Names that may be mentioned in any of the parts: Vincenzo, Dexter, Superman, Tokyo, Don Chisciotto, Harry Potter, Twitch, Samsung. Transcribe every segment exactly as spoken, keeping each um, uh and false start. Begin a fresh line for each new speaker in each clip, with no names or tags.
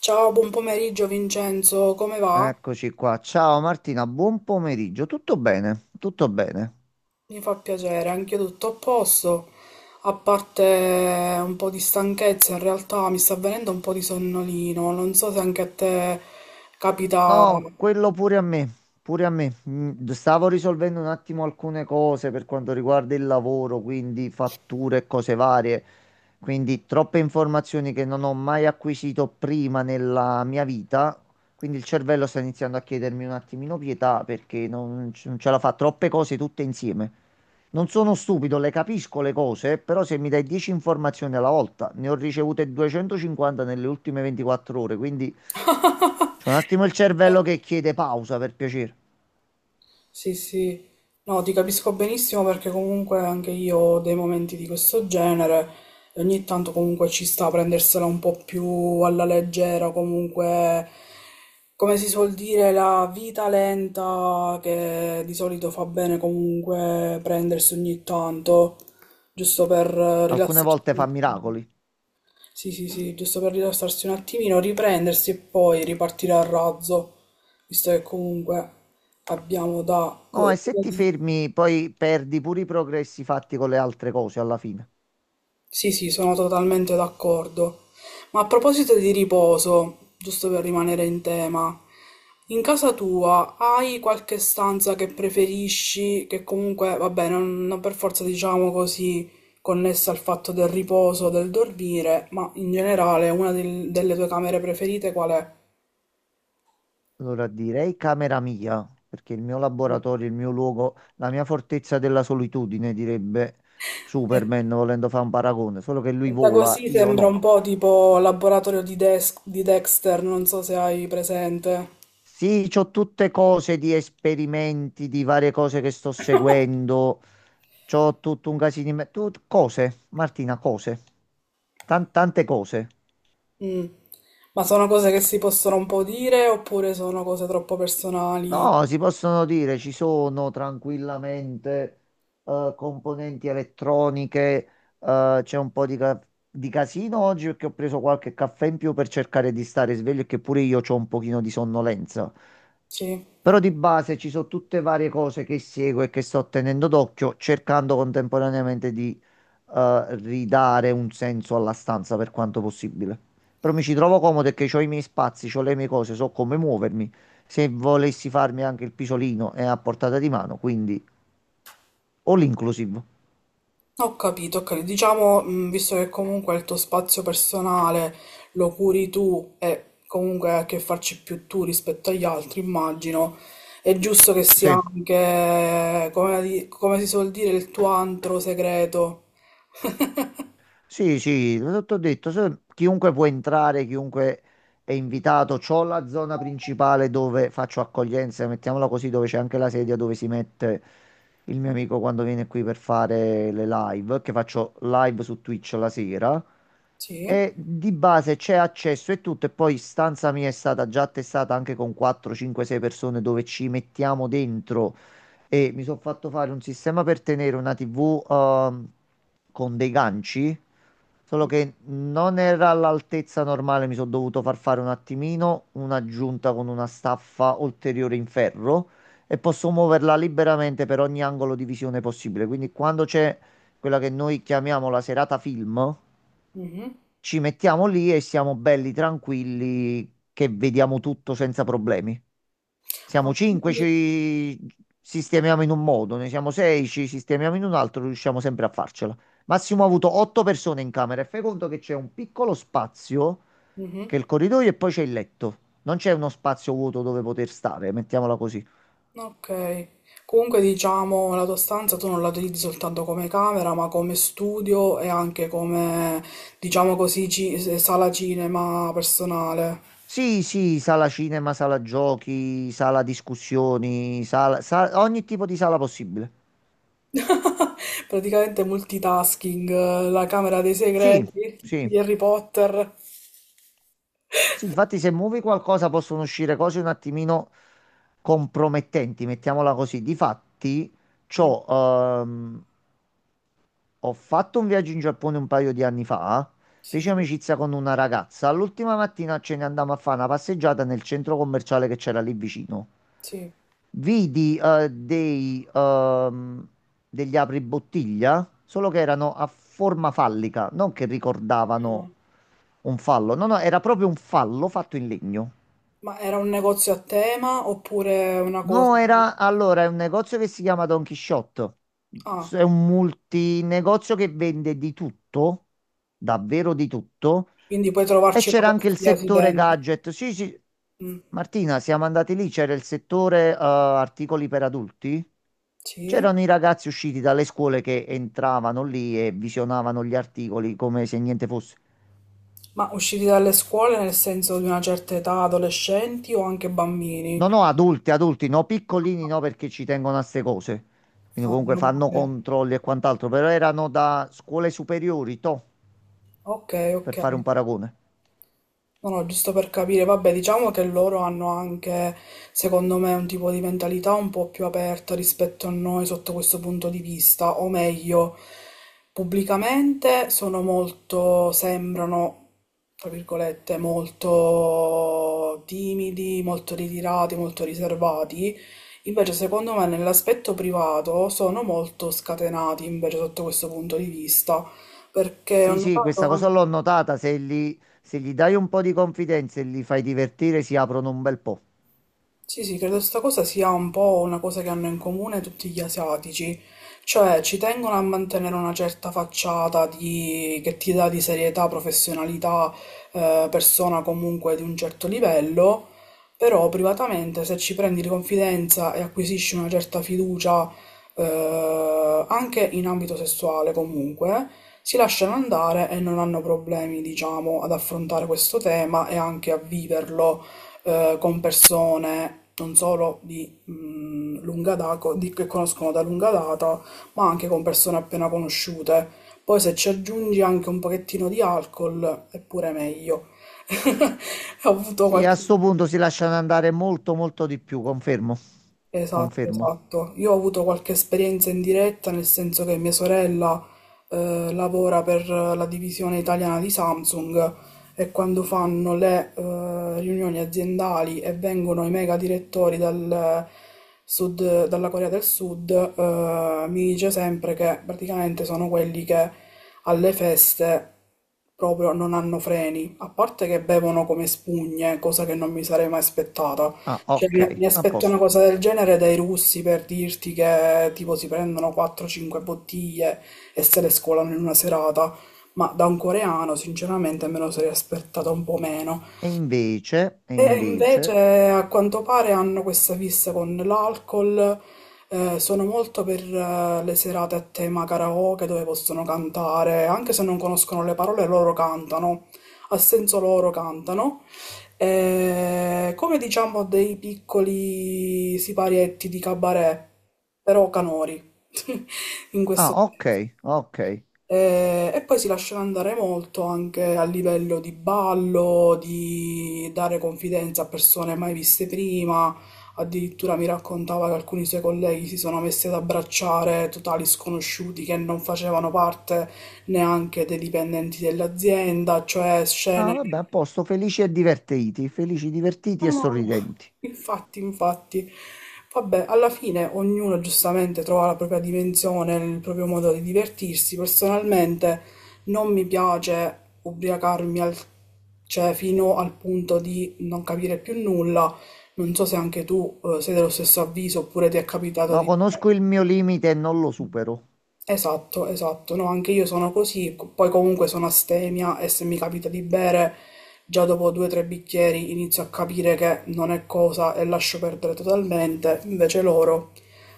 Ciao, buon pomeriggio Vincenzo, come va?
Eccoci qua. Ciao Martina, buon pomeriggio. Tutto bene? Tutto bene.
Mi fa piacere, anch'io tutto a posto, a parte un po' di stanchezza, in realtà mi sta venendo un po' di sonnolino, non so se anche a te capita...
No, quello pure a me, pure a me. Mm, Stavo risolvendo un attimo alcune cose per quanto riguarda il lavoro, quindi fatture e cose varie. Quindi troppe informazioni che non ho mai acquisito prima nella mia vita. Quindi il cervello sta iniziando a chiedermi un attimino pietà perché non, c- non ce la fa troppe cose tutte insieme. Non sono stupido, le capisco le cose, però se mi dai dieci informazioni alla volta, ne ho ricevute duecentocinquanta nelle ultime ventiquattro ore, quindi... C'è un attimo il cervello che chiede pausa per piacere.
Sì, sì, no, ti capisco benissimo perché comunque anche io ho dei momenti di questo genere e ogni tanto comunque ci sta a prendersela un po' più alla leggera. Comunque, come si suol dire, la vita lenta che di solito fa bene comunque prendersi ogni tanto, giusto per eh,
Alcune
rilassarsi.
volte fa miracoli.
Sì, sì, sì, giusto per rilassarsi un attimino, riprendersi e poi ripartire a razzo, visto che comunque abbiamo da...
No,
co-
e se ti fermi, poi perdi pure i progressi fatti con le altre cose alla fine.
Sì, sì, sono totalmente d'accordo. Ma a proposito di riposo, giusto per rimanere in tema, in casa tua hai qualche stanza che preferisci, che comunque, vabbè, non, non per forza diciamo così, connessa al fatto del riposo, del dormire, ma in generale una del- delle tue camere preferite qual è?
Allora direi camera mia, perché il mio laboratorio, il mio luogo, la mia fortezza della solitudine, direbbe
E-
Superman, volendo fare un paragone, solo che lui
Detta
vola,
così
io
sembra un
no.
po' tipo laboratorio di, Dex- di Dexter, non so se hai presente.
Sì, c'ho tutte cose di esperimenti, di varie cose che sto seguendo. C'ho tutto un casino in me- tut- cose, Martina, cose. Tan- tante cose.
Mm. Ma sono cose che si possono un po' dire oppure sono cose troppo
No,
personali?
si possono dire, ci sono tranquillamente eh, componenti elettroniche. Eh, c'è un po' di, ca- di casino oggi perché ho preso qualche caffè in più per cercare di stare sveglio e che pure io ho un pochino di sonnolenza.
Sì,
Però di base ci sono tutte varie cose che seguo e che sto tenendo d'occhio, cercando contemporaneamente di eh, ridare un senso alla stanza per quanto possibile. Però mi ci trovo comodo e che ho i miei spazi, ho le mie cose, so come muovermi. Se volessi farmi anche il pisolino è a portata di mano, quindi all inclusive.
ho capito, ho capito. Diciamo, mm, visto che comunque il tuo spazio personale lo curi tu e comunque hai a che farci più tu rispetto agli altri, immagino, è giusto che sia
Sì.
anche, come, di- come si suol dire, il tuo antro segreto.
Sì, sì, l'ho detto, se- chiunque può entrare, chiunque è invitato. C'ho la zona principale dove faccio accoglienza, mettiamola così, dove c'è anche la sedia dove si mette il mio amico quando viene qui per fare le live, che faccio live su Twitch la sera.
Sì.
E di base c'è accesso e tutto, e poi stanza mia è stata già attestata anche con quattro, cinque, sei persone dove ci mettiamo dentro e mi sono fatto fare un sistema per tenere una tivù ehm, con dei ganci, solo che non era all'altezza normale, mi sono dovuto far fare un attimino un'aggiunta con una staffa ulteriore in ferro e posso muoverla liberamente per ogni angolo di visione possibile. Quindi quando c'è quella che noi chiamiamo la serata film,
Mhm.
ci mettiamo lì e siamo belli tranquilli che vediamo tutto senza problemi. Siamo
Ma
cinque,
quindi...
ci sistemiamo in un modo, ne siamo sei, ci sistemiamo in un altro, riusciamo sempre a farcela. Massimo ha avuto otto persone in camera e fai conto che c'è un piccolo spazio,
Mhm.
che è il corridoio e poi c'è il letto. Non c'è uno spazio vuoto dove poter stare, mettiamola così.
Ok, comunque diciamo la tua stanza tu non la utilizzi soltanto come camera, ma come studio e anche come, diciamo così, ci- eh, sala cinema personale.
Sì, sì, sala cinema, sala giochi, sala discussioni, sala, sa- ogni tipo di sala possibile.
Praticamente multitasking, eh, la camera dei
Sì,
segreti di
sì.
Harry Potter.
Sì, infatti se muovi qualcosa possono uscire cose un attimino compromettenti, mettiamola così. Difatti,
Mm,
c'ho, ehm, ho fatto un viaggio in Giappone un paio di anni fa, feci
sì,
amicizia con una ragazza. L'ultima mattina ce ne andammo a fare una passeggiata nel centro commerciale che c'era lì vicino.
sì.
Vidi, eh, dei, ehm, degli apribottiglia, solo che erano a forma fallica, non che ricordavano
Mm.
un fallo. No, no, era proprio un fallo fatto in legno.
Ma era un negozio a tema oppure una cosa...
No, era allora è un negozio che si chiama Don Chisciotto.
Ah,
S- È un multinegozio che vende di tutto, davvero di tutto.
quindi puoi
E
trovarci da
c'era anche il
qualsiasi
settore
dentro.
gadget. Sì, sì.
Mm,
Martina, siamo andati lì, c'era il settore eh, articoli per adulti.
sì.
C'erano i ragazzi usciti dalle scuole che entravano lì e visionavano gli articoli come se niente fosse.
Ma usciti dalle scuole nel senso di una certa età, adolescenti o anche
No,
bambini?
no, adulti, adulti, no, piccolini no perché ci tengono a ste cose. Quindi
Ah,
comunque
meno
fanno
male.
controlli e quant'altro, però erano da scuole superiori, toh,
Ok,
per
ok.
fare un paragone.
No, no, giusto per capire, vabbè, diciamo che loro hanno anche, secondo me, un tipo di mentalità un po' più aperta rispetto a noi sotto questo punto di vista, o meglio, pubblicamente sono molto, sembrano, tra virgolette, molto timidi, molto ritirati, molto riservati. Invece, secondo me, nell'aspetto privato sono molto scatenati, invece, sotto questo punto di vista, perché ho
Sì, sì,
notato
questa cosa
anche...
l'ho notata, se gli, se gli dai un po' di confidenza e li fai divertire si aprono un bel po'.
Sì, sì, credo sta cosa sia un po' una cosa che hanno in comune tutti gli asiatici, cioè ci tengono a mantenere una certa facciata di... che ti dà di serietà, professionalità, eh, persona comunque di un certo livello, però privatamente se ci prendi di confidenza e acquisisci una certa fiducia, eh, anche in ambito sessuale comunque, si lasciano andare e non hanno problemi, diciamo, ad affrontare questo tema e anche a viverlo eh, con persone non solo di mh, lunga data, di, che conoscono da lunga data, ma anche con persone appena conosciute. Poi se ci aggiungi anche un pochettino di alcol, è pure meglio. Ho avuto
Sì,
qualche
a sto punto si lasciano andare molto, molto di più, confermo.
esatto,
Confermo.
esatto. Io ho avuto qualche esperienza in diretta, nel senso che mia sorella eh, lavora per la divisione italiana di Samsung e quando fanno le eh, riunioni aziendali e vengono i mega direttori dal sud, dalla Corea del Sud, eh, mi dice sempre che praticamente sono quelli che alle feste proprio non hanno freni, a parte che bevono come spugne, cosa che non mi sarei mai aspettata.
Ah,
Cioè,
ok,
mi mi
a
aspetto una
posto.
cosa del genere dai russi per dirti che tipo si prendono quattro cinque bottiglie e se le scolano in una serata, ma da un coreano sinceramente me lo sarei aspettata un po' meno.
E invece, e
E
invece...
invece a quanto pare hanno questa fissa con l'alcol, eh, sono molto per eh, le serate a tema karaoke dove possono cantare, anche se non conoscono le parole, loro cantano, a senso loro cantano. Eh, come diciamo dei piccoli siparietti di cabaret, però canori in
Ah,
questo
ok, ok.
eh, e, poi si lasciava andare molto anche a livello di ballo, di dare confidenza a persone mai viste prima. Addirittura mi raccontava che alcuni suoi colleghi si sono messi ad abbracciare totali sconosciuti che non facevano parte neanche dei dipendenti dell'azienda, cioè
Ah,
scene.
vabbè, a posto, felici e divertiti, felici, divertiti e
No, no, no.
sorridenti.
Infatti, infatti, vabbè, alla fine ognuno giustamente trova la propria dimensione, il proprio modo di divertirsi. Personalmente non mi piace ubriacarmi al- cioè, fino al punto di non capire più nulla. Non so se anche tu, eh, sei dello stesso avviso oppure ti è capitato
No,
di...
conosco il mio limite e non lo supero.
Esatto, esatto. No, anche io sono così, co- poi comunque sono astemia e se mi capita di bere, già dopo due o tre bicchieri inizio a capire che non è cosa e lascio perdere totalmente. Invece loro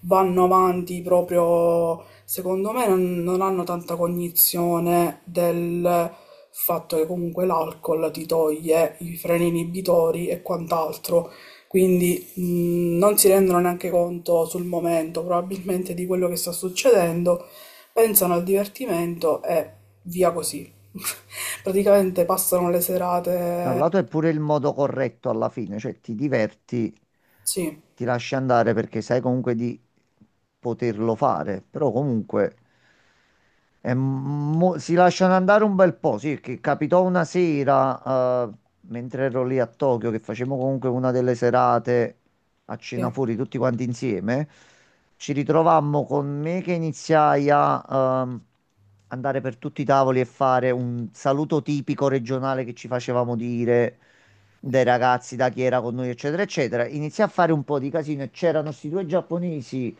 vanno avanti proprio, secondo me, non, non hanno tanta cognizione del fatto che comunque l'alcol ti toglie i freni inibitori e quant'altro. Quindi mh, non si rendono neanche conto sul momento, probabilmente, di quello che sta succedendo, pensano al divertimento e via così. Praticamente passano le
Da un
serate.
lato è pure il modo corretto alla fine, cioè ti diverti,
Sì,
ti lasci andare perché sai comunque di poterlo fare, però comunque. E mo- si lasciano andare un bel po', sì, che capitò una sera, eh, mentre ero lì a Tokyo, che facevamo comunque una delle serate a
sì,
cena fuori tutti quanti insieme, ci ritrovammo con me che iniziai a, ehm, andare per tutti i tavoli e fare un saluto tipico regionale che ci facevamo dire dai ragazzi, da chi era con noi, eccetera, eccetera. Iniziai a fare un po' di casino e c'erano questi due giapponesi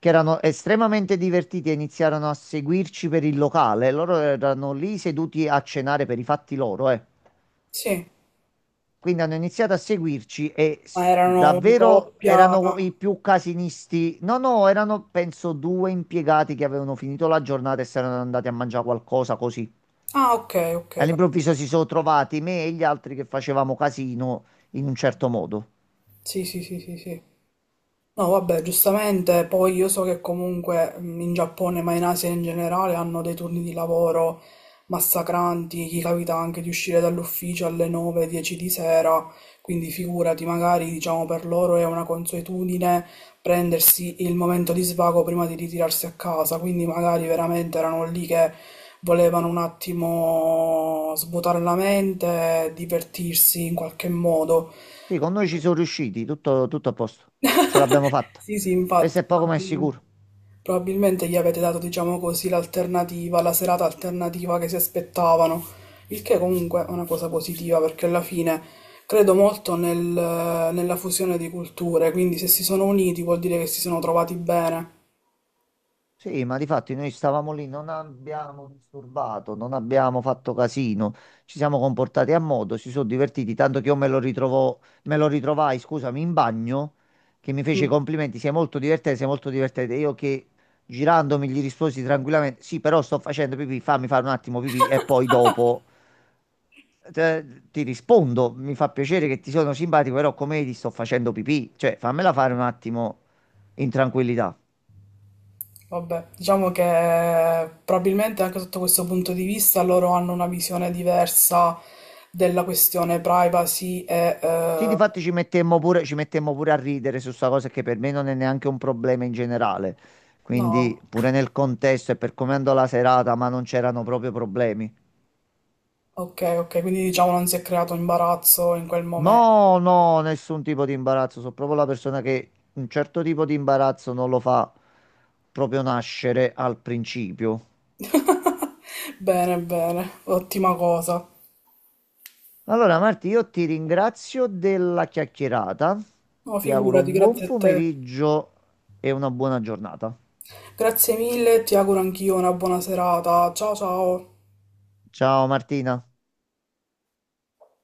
che erano estremamente divertiti e iniziarono a seguirci per il locale. Loro erano lì seduti a cenare per i fatti loro, eh.
sì.
Quindi hanno iniziato a seguirci e
Ma
s-
erano una
davvero
coppia.
erano i più casinisti. No, no, erano penso due impiegati che avevano finito la giornata e si erano andati a mangiare qualcosa così.
Ah, ok, ok. cap-
All'improvviso si sono trovati me e gli altri che facevamo casino in un certo modo.
Sì, sì, sì, sì, sì. No, vabbè, giustamente, poi io so che comunque mh, in Giappone, ma in Asia in generale, hanno dei turni di lavoro massacranti, chi capita anche di uscire dall'ufficio alle nove, dieci di sera, quindi figurati, magari diciamo per loro è una consuetudine prendersi il momento di svago prima di ritirarsi a casa, quindi magari veramente erano lì che volevano un attimo svuotare la mente, divertirsi in qualche modo.
Sì, con noi ci sono riusciti, tutto, tutto a posto. Ce l'abbiamo fatta.
Sì, sì,
Questo
infatti,
è poco
ma,
ma è
mm,
sicuro.
probabilmente gli avete dato, diciamo così, l'alternativa, la serata alternativa che si aspettavano, il che comunque è una cosa positiva perché alla fine credo molto nel- nella fusione di culture, quindi se si sono uniti vuol dire che si sono trovati bene.
Sì, ma difatti noi stavamo lì, non abbiamo disturbato, non abbiamo fatto casino, ci siamo comportati a modo, si sono divertiti, tanto che io me lo ritrovò, me lo ritrovai, scusami, in bagno, che mi fece
Mm,
i complimenti, sei molto divertente, sei molto divertente. Io che girandomi gli risposi tranquillamente, sì, però sto facendo pipì, fammi fare un attimo pipì e poi dopo te- ti rispondo, mi fa piacere che ti sono simpatico, però come vedi sto facendo pipì, cioè fammela fare un attimo in tranquillità.
vabbè, diciamo che probabilmente anche sotto questo punto di vista loro hanno una visione diversa della questione privacy e
Sì,
eh,
difatti ci mettemmo pure, ci mettemmo pure a ridere su sta cosa che per me non è neanche un problema in generale. Quindi
no.
pure nel contesto e per come andò la serata, ma non c'erano proprio problemi.
Ok, ok, quindi diciamo non si è creato imbarazzo in quel momento.
No, no, nessun tipo di imbarazzo. Sono proprio la persona che un certo tipo di imbarazzo non lo fa proprio nascere al principio.
Bene, bene, ottima cosa.
Allora, Marti, io ti ringrazio della chiacchierata.
No,
Ti auguro
figurati,
un buon
grazie a te.
pomeriggio e una buona giornata.
Grazie mille, ti auguro anch'io una buona serata. Ciao ciao.
Ciao Martina.